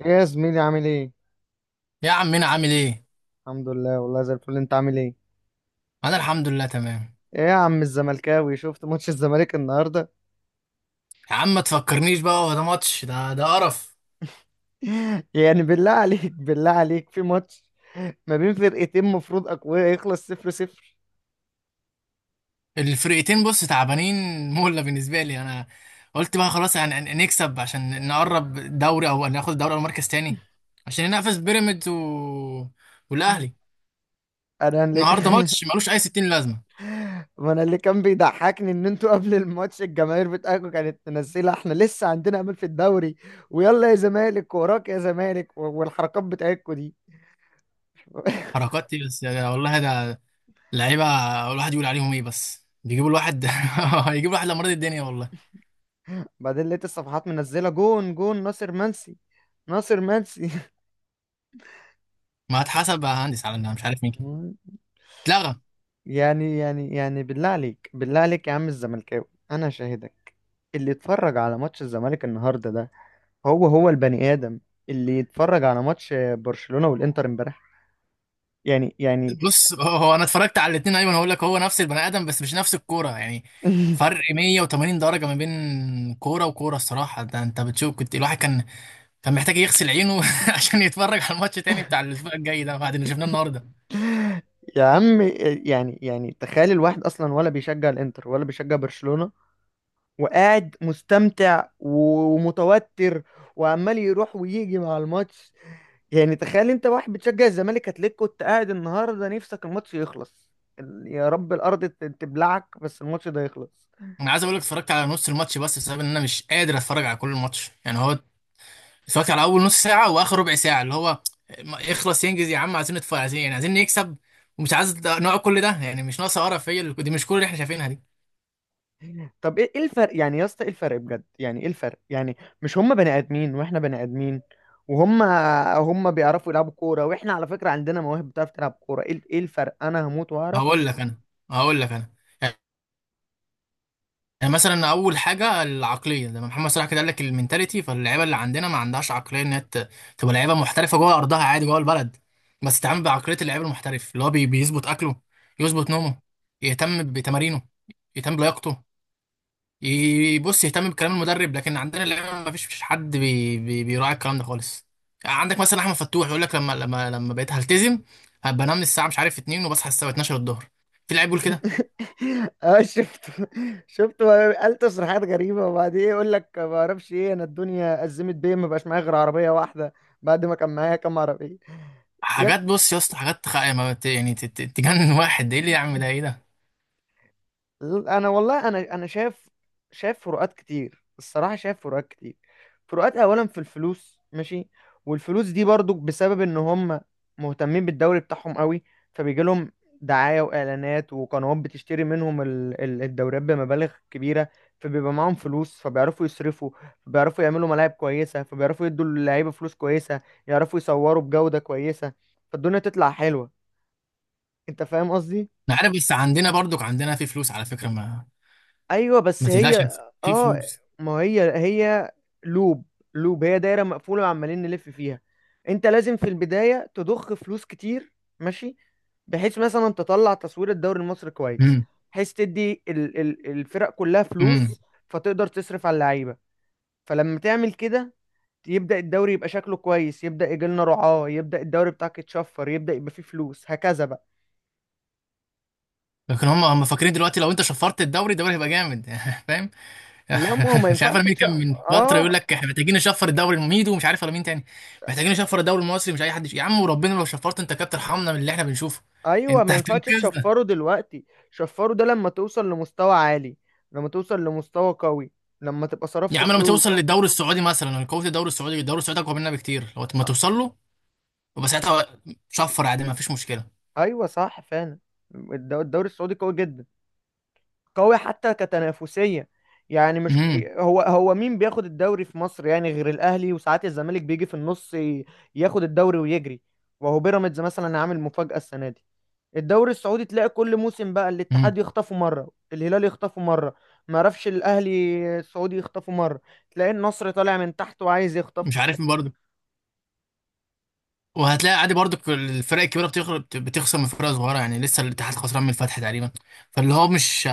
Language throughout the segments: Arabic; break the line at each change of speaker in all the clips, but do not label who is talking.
ايه يا زميلي، عامل ايه؟
يا عم انا عامل ايه.
الحمد لله، والله زي الفل. انت عامل ايه؟
انا الحمد لله تمام.
ايه يا عم الزملكاوي، شفت ماتش الزمالك النهارده؟
يا عم ما تفكرنيش بقى، هو ده ماتش؟ ده قرف.
يعني بالله عليك في ماتش ما بين فرقتين مفروض اقوياء يخلص صفر صفر؟
الفرقتين بص تعبانين مولة بالنسبه لي انا. قلت بقى خلاص يعني نكسب عشان نقرب دوري او ناخد الدوري او مركز تاني عشان ننافس بيراميدز و... والاهلي.
انا اللي
النهارده ماتش ملوش اي 60 لازمه.
ما انا اللي كان بيضحكني ان انتوا قبل الماتش الجماهير بتاعكم كانت منزله احنا لسه عندنا امل في الدوري، ويلا يا زمالك وراك يا زمالك، والحركات بتاعتكم دي.
حركات ايه بس يا والله؟ ده لعيبه، الواحد يقول عليهم ايه؟ بس بيجيبوا الواحد هيجيبوا الواحد لمريض الدنيا والله.
بعدين لقيت الصفحات منزله جون جون ناصر منسي، ناصر منسي.
ما هتحسب يا هندس على إنها مش عارف مين كده. اتلغى.
يعني بالله عليك يا عم الزملكاوي. انا شاهدك، اللي اتفرج على ماتش الزمالك النهارده ده هو البني ادم اللي يتفرج على ماتش برشلونة والانتر امبارح؟ يعني
بص، هو هو انا اتفرجت على الاثنين. ايوه انا هقول لك، هو نفس البني ادم بس مش نفس الكوره يعني. فرق 180 درجه ما بين كوره وكوره الصراحه. ده انت بتشوف كنت الواحد كان كان محتاج يغسل عينه عشان يتفرج على الماتش تاني بتاع الاسبوع الجاي ده بعد اللي شفناه النهارده.
يا عم، يعني تخيل الواحد اصلا ولا بيشجع الانتر ولا بيشجع برشلونة، وقاعد مستمتع ومتوتر وعمال يروح ويجي مع الماتش. يعني تخيل انت واحد بتشجع الزمالك، هتلاقيك كنت قاعد النهارده نفسك الماتش يخلص. يا رب الارض تبلعك بس الماتش ده يخلص.
انا عايز اقول لك، اتفرجت على نص الماتش بس بسبب ان انا مش قادر اتفرج على كل الماتش يعني. هو اتفرجت على اول نص ساعه واخر ربع ساعه اللي هو اخلص ينجز يا عم، عايزين نتفرج، عايزين يعني عايزين نكسب ومش عايز نقعد كل ده يعني. مش ناقصه قرف هي دي، مش كل اللي احنا شايفينها دي.
طب ايه، ايه الفرق يعني يا اسطى ايه الفرق بجد؟ يعني ايه الفرق يعني؟ مش هم بني ادمين واحنا بني ادمين؟ وهم بيعرفوا يلعبوا كوره واحنا على فكره عندنا مواهب بتعرف تلعب كوره. ايه، ايه انا هموت واعرف.
هقول لك انا هقول لك انا يعني مثلا اول حاجه العقليه، لما محمد صلاح كده قال لك المينتاليتي. فاللعيبه اللي عندنا ما عندهاش عقليه ان هي تبقى لعيبه محترفه جوه ارضها عادي، جوه البلد بس تتعامل بعقليه اللعيب المحترف اللي هو بيظبط اكله، يظبط نومه، يهتم بتمارينه، يهتم بلياقته، يبص يهتم بكلام المدرب. لكن عندنا اللعيبه ما فيش حد بي بي بيراعي الكلام ده خالص. عندك مثلا احمد فتوح يقول لك، لما بقيت هلتزم، هبقى انام الساعه مش عارف 2 وبصحى الساعه 12 الظهر. في لعيب بيقول كده؟
اه شفت بقى، قال تصريحات غريبه، وبعدين يقول لك ما اعرفش ايه، انا الدنيا ازمت بيا، ما بقاش معايا غير عربيه واحده بعد ما كان معايا كام عربيه. يب،
حاجات، بص يا اسطى، حاجات تخ... يعني ما ت- يعني تجنن واحد ده ايه اللي يعمل ده؟ ايه ده؟
انا والله انا شايف، شايف فروقات كتير الصراحه، شايف فروقات كتير. فروقات اولا في الفلوس، ماشي، والفلوس دي برضو بسبب ان هم مهتمين بالدوري بتاعهم قوي، فبيجي لهم دعايه واعلانات وقنوات بتشتري منهم الدوريات بمبالغ كبيره، فبيبقى معاهم فلوس فبيعرفوا يصرفوا، فبيعرفوا يعملوا ملاعب كويسه، فبيعرفوا يدوا اللعيبه فلوس كويسه، يعرفوا يصوروا بجوده كويسه، فالدنيا تطلع حلوه. انت فاهم قصدي؟
انا عارف، بس عندنا برضك، عندنا في فلوس على فكره. ما
ايوه بس
ما تقلقش،
هي،
في
اه،
فلوس.
ما هي لوب لوب هي دايره مقفوله وعمالين نلف فيها. انت لازم في البدايه تضخ فلوس كتير، ماشي، بحيث مثلا تطلع تصوير الدوري المصري كويس،
امم.
بحيث تدي ال الفرق كلها
امم.
فلوس، فتقدر تصرف على اللعيبه. فلما تعمل كده يبدا الدوري يبقى شكله كويس، يبدا يجي لنا رعاه، يبدا الدوري بتاعك يتشفر، يبدا يبقى فيه فلوس هكذا بقى.
لكن هم فاكرين دلوقتي لو انت شفرت الدوري، الدوري هيبقى جامد فاهم؟
لا ما هو ما
مش عارف أنا
ينفعش
مين كان من فتره يقول
اه،
لك احنا محتاجين نشفر الدوري المميد ومش عارف ولا مين تاني. محتاجين نشفر الدوري المصري؟ مش اي حد يا عم، وربنا لو شفرت انت كابتن ارحمنا من اللي احنا بنشوفه.
ايوه
انت
ما ينفعش
هتنقذنا.
تشفره دلوقتي. شفره ده لما توصل لمستوى عالي، لما توصل لمستوى قوي، لما تبقى
يا
صرفت
عم لما توصل
فلوس.
للدوري السعودي مثلا، أنا قوه الدوري السعودي، الدوري السعودي اقوى مننا بكتير. لو ما
أ-
توصل له يبقى ساعتها شفر عادي، ما فيش مشكله.
ايوه صح فعلا. الدوري السعودي قوي جدا، قوي حتى كتنافسية، يعني مش
امم.
هو مين بياخد الدوري في مصر يعني غير الاهلي؟ وساعات الزمالك بيجي في النص ياخد الدوري ويجري. وهو بيراميدز مثلا عامل مفاجأة السنة دي. الدوري السعودي تلاقي كل موسم بقى
امم.
الاتحاد يخطفه مره، الهلال يخطفه مره، ما عرفش الاهلي السعودي يخطفه مره، تلاقي النصر طالع من تحت وعايز يخطف.
مش عارف برضه. وهتلاقي عادي برضه، الفرق الكبيره بتخسر، بتخسر من فرق صغيره يعني. لسه الاتحاد خسران من الفتح تقريبا. فاللي هو مش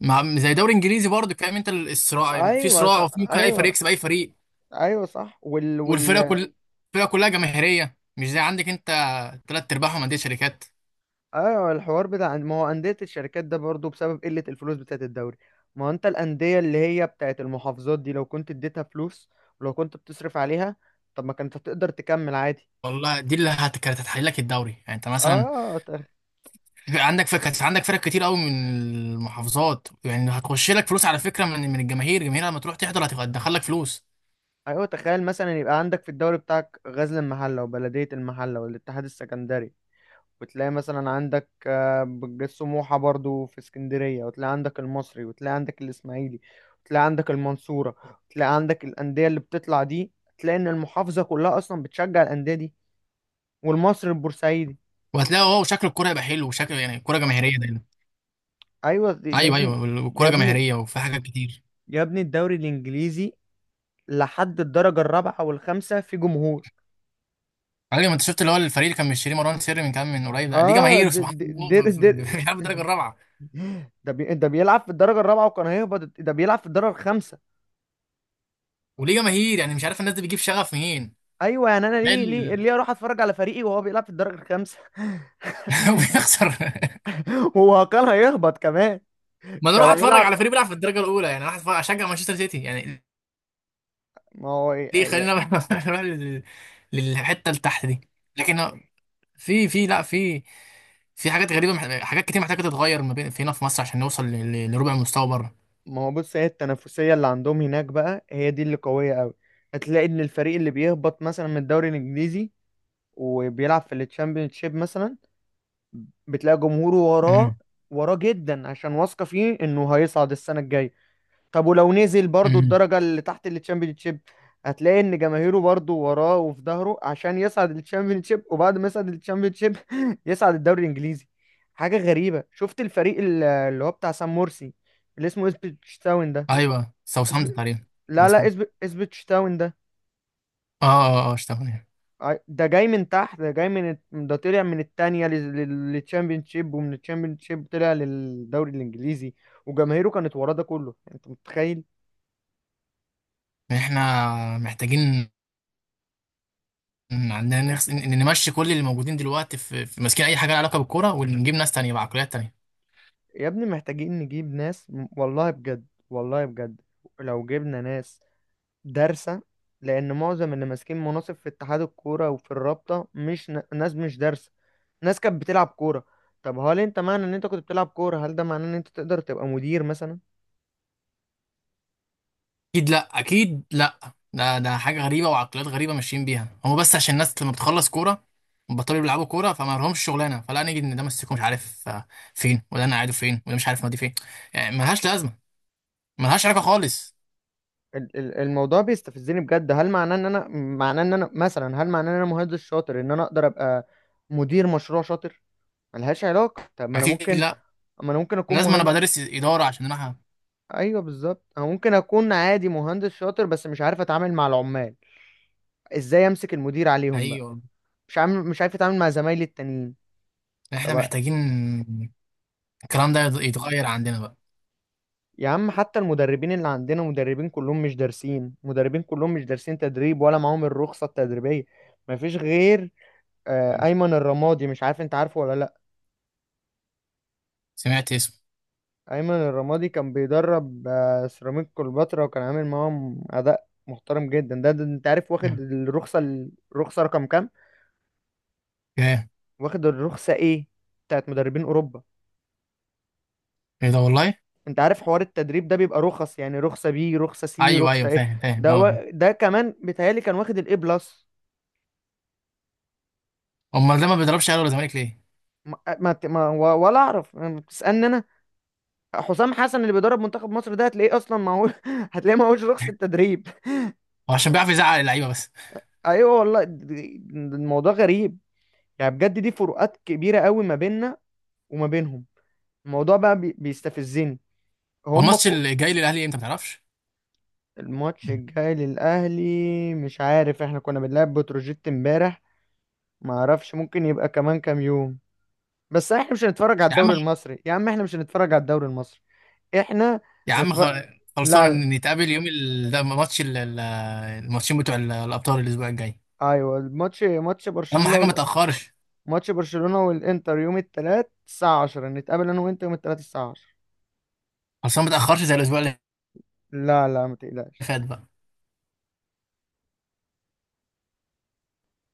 زي دوري انجليزي برضه، فاهم انت؟ الصراع في
ايوه
صراع،
صح،
وفي ممكن اي فريق
ايوه،
يكسب اي فريق.
ايوه صح. وال وال
والفرق كل، الفرق كلها جماهيريه، مش زي عندك انت تلات ارباعهم انديه شركات.
ايوه الحوار بتاع، ما هو انديه الشركات ده برضو بسبب قله الفلوس بتاعت الدوري. ما هو انت الانديه اللي هي بتاعت المحافظات دي لو كنت اديتها فلوس، ولو كنت بتصرف عليها، طب ما كانت هتقدر تكمل عادي.
والله دي كانت هتحل لك الدوري يعني. انت مثلا
اه
عندك فكرة، عندك فرق كتير قوي من المحافظات يعني، هتخش لك فلوس على فكرة من من الجماهير، الجماهير لما تروح تحضر هتبقى هتدخل لك فلوس.
ايوه، تخيل مثلا يبقى عندك في الدوري بتاعك غزل المحله وبلديه المحله والاتحاد السكندري، وتلاقي مثلا عندك سموحه برضو في اسكندريه، وتلاقي عندك المصري، وتلاقي عندك الاسماعيلي، وتلاقي عندك المنصوره، وتلاقي عندك الانديه اللي بتطلع دي. تلاقي ان المحافظه كلها اصلا بتشجع الانديه دي، والمصري البورسعيدي.
وهتلاقي اه شكل الكورة يبقى حلو، وشكل يعني الكورة جماهيرية دايما.
ايوه يا
ايوه،
ابني،
ايوه،
يا
الكورة
ابني،
جماهيرية، وفي حاجات كتير.
يا ابني الدوري الانجليزي لحد الدرجه الرابعه والخامسه في جمهور.
علي ما انت شفت، اللي هو الفريق اللي كان مشتري مروان سري من كام، من قريب ده، ليه
اه
جماهير سبحان الله،
دي,
بيلعب الدرجة الرابعة.
ده بيلعب في الدرجة الرابعة وكان هيهبط، ده بيلعب في الدرجة الخامسة.
وليه جماهير يعني، مش عارف الناس دي بتجيب شغف منين.
ايوه يعني انا
لا
ليه، ليه ليه اروح اتفرج على فريقي وهو بيلعب في الدرجة الخامسة؟
وبيخسر.
وهو كان هيهبط كمان،
ما انا اروح
كان
اتفرج
هيلعب.
على فريق بيلعب في الدرجة الأولى يعني، اروح اشجع مانشستر سيتي يعني.
ما هو إيه،
دي
إيه،
خلينا بقى إحنا بقى للحته اللي تحت دي. لكن في في لا، في في حاجات غريبه، حاجات كتير محتاجه تتغير ما بين في هنا في مصر عشان نوصل لربع المستوى بره.
ما هو بص هي التنافسية اللي عندهم هناك بقى هي دي اللي قوية قوي. هتلاقي ان الفريق اللي بيهبط مثلا من الدوري الانجليزي وبيلعب في الشامبيونشيب مثلا، بتلاقي جمهوره وراه،
امم.
وراه جدا، عشان واثقة فيه انه هيصعد السنة الجاية. طب ولو نزل برضو
امم.
الدرجة اللي تحت الشيب، هتلاقي ان جماهيره برضو وراه وفي ظهره عشان يصعد شيب، وبعد ما يصعد شيب يصعد الدوري الانجليزي. حاجة غريبة شفت الفريق اللي هو بتاع سام مرسي، اللي اسمه اسبتشتاون ده.
ايوه
اسب...
ساوثهامبتون تقريبا. ولا
لا لا،
اسمه،
اسبتشتاون ده،
اه اه اه اشتغل.
ده جاي من تحت، ده طلع من التانية للتشامبيونشيب، ومن التشامبيونشيب طلع للدوري الانجليزي، وجماهيره كانت وراه ده كله. انت متخيل؟
احنا محتاجين، إن عندنا نخس... إن نمشي كل اللي موجودين دلوقتي في، في ماسكين اي حاجه لها علاقه بالكوره، ونجيب ناس تانية بعقليات تانية.
يا ابني محتاجين نجيب ناس والله بجد، والله بجد لو جبنا ناس دارسة، لأن معظم اللي ماسكين مناصب في اتحاد الكورة وفي الرابطة مش ناس مش دارسة، ناس كانت بتلعب كورة. طب هل انت معنى ان انت كنت بتلعب كورة هل ده معناه ان انت تقدر تبقى مدير مثلا؟
اكيد لا، اكيد لا. ده ده حاجه غريبه وعقليات غريبه ماشيين بيها هم، بس عشان الناس لما بتخلص كوره بطلوا يلعبوا كوره فما لهمش شغلانه، فلا نيجي ان ده مسكه مش عارف آه، فين، وده انا قاعده فين، وده مش عارف نادي فين. يعني ملهاش لازمه، ملهاش علاقه خالص.
الموضوع بيستفزني بجد. هل معناه ان انا، معناه ان انا مثلا هل معناه ان انا مهندس شاطر ان انا اقدر ابقى مدير مشروع شاطر؟ ملهاش علاقة. طب ما انا
اكيد
ممكن،
لا،
ما انا ممكن اكون
لازم انا
مهندس.
بدرس اداره عشان انا
ايوه بالظبط، انا ممكن اكون عادي مهندس شاطر بس مش عارف اتعامل مع العمال، ازاي امسك المدير عليهم
حقيقي
بقى؟
والله.
مش عامل، مش عارف اتعامل مع زمايلي التانيين.
يعني احنا
طب
محتاجين الكلام ده يتغير عندنا بقى.
يا عم حتى المدربين اللي عندنا مدربين كلهم مش دارسين، مدربين كلهم مش دارسين تدريب ولا معاهم الرخصة التدريبية. مفيش غير ايمن الرمادي، مش عارف انت عارفه ولا لا.
سمعت اسمه.
ايمن الرمادي كان بيدرب سيراميك كليوباترا، وكان عامل معاهم اداء محترم جدا. ده انت عارف واخد الرخصة، الرخصة رقم كام؟
ايه؟
واخد الرخصة ايه؟ بتاعت مدربين اوروبا.
ايه ده والله؟
انت عارف حوار التدريب ده بيبقى رخص؟ يعني رخصة بي، رخصة سي،
ايوه
رخصة
ايوه،
ايه.
فاهم فاهم
ده،
اه.
ده كمان بيتهيألي كان واخد الاي بلس.
امال ده ما بيضربش اهلي ولا زمالك ليه؟
ما... ما... ت- ما... و- ولا اعرف، يعني بتسألني انا؟ حسام حسن اللي بيدرب منتخب مصر ده هتلاقيه اصلا معهوش هتلاقيه معهوش رخصة تدريب.
هو عشان بيعرف يزعق اللعيبه بس.
ايوه والله، الموضوع غريب. يعني بجد دي فروقات كبيرة قوي ما بيننا وما بينهم. الموضوع بقى بيستفزني.
هو
هم
الماتش اللي جاي للاهلي امتى ما تعرفش؟
الماتش الجاي للأهلي مش عارف، احنا كنا بنلعب بتروجيت امبارح، ما اعرفش ممكن يبقى كمان كام يوم. بس احنا مش هنتفرج على
يا عم،
الدوري المصري يا عم، احنا مش هنتفرج على الدوري المصري، احنا
يا عم
نتفرج. لا لا،
خلصان نتقابل يوم ال... ده ماتش ال... الماتشين بتوع الابطال الاسبوع الجاي.
ايوه الماتش، ماتش
اهم
برشلونة
حاجه ما تاخرش.
ماتش برشلونة والانتر يوم الثلاث الساعة 10، نتقابل انا وانت يوم الثلاث الساعة 10.
خلصان ما تاخرش زي الاسبوع اللي
لا لا ما تقلقش.
فات بقى.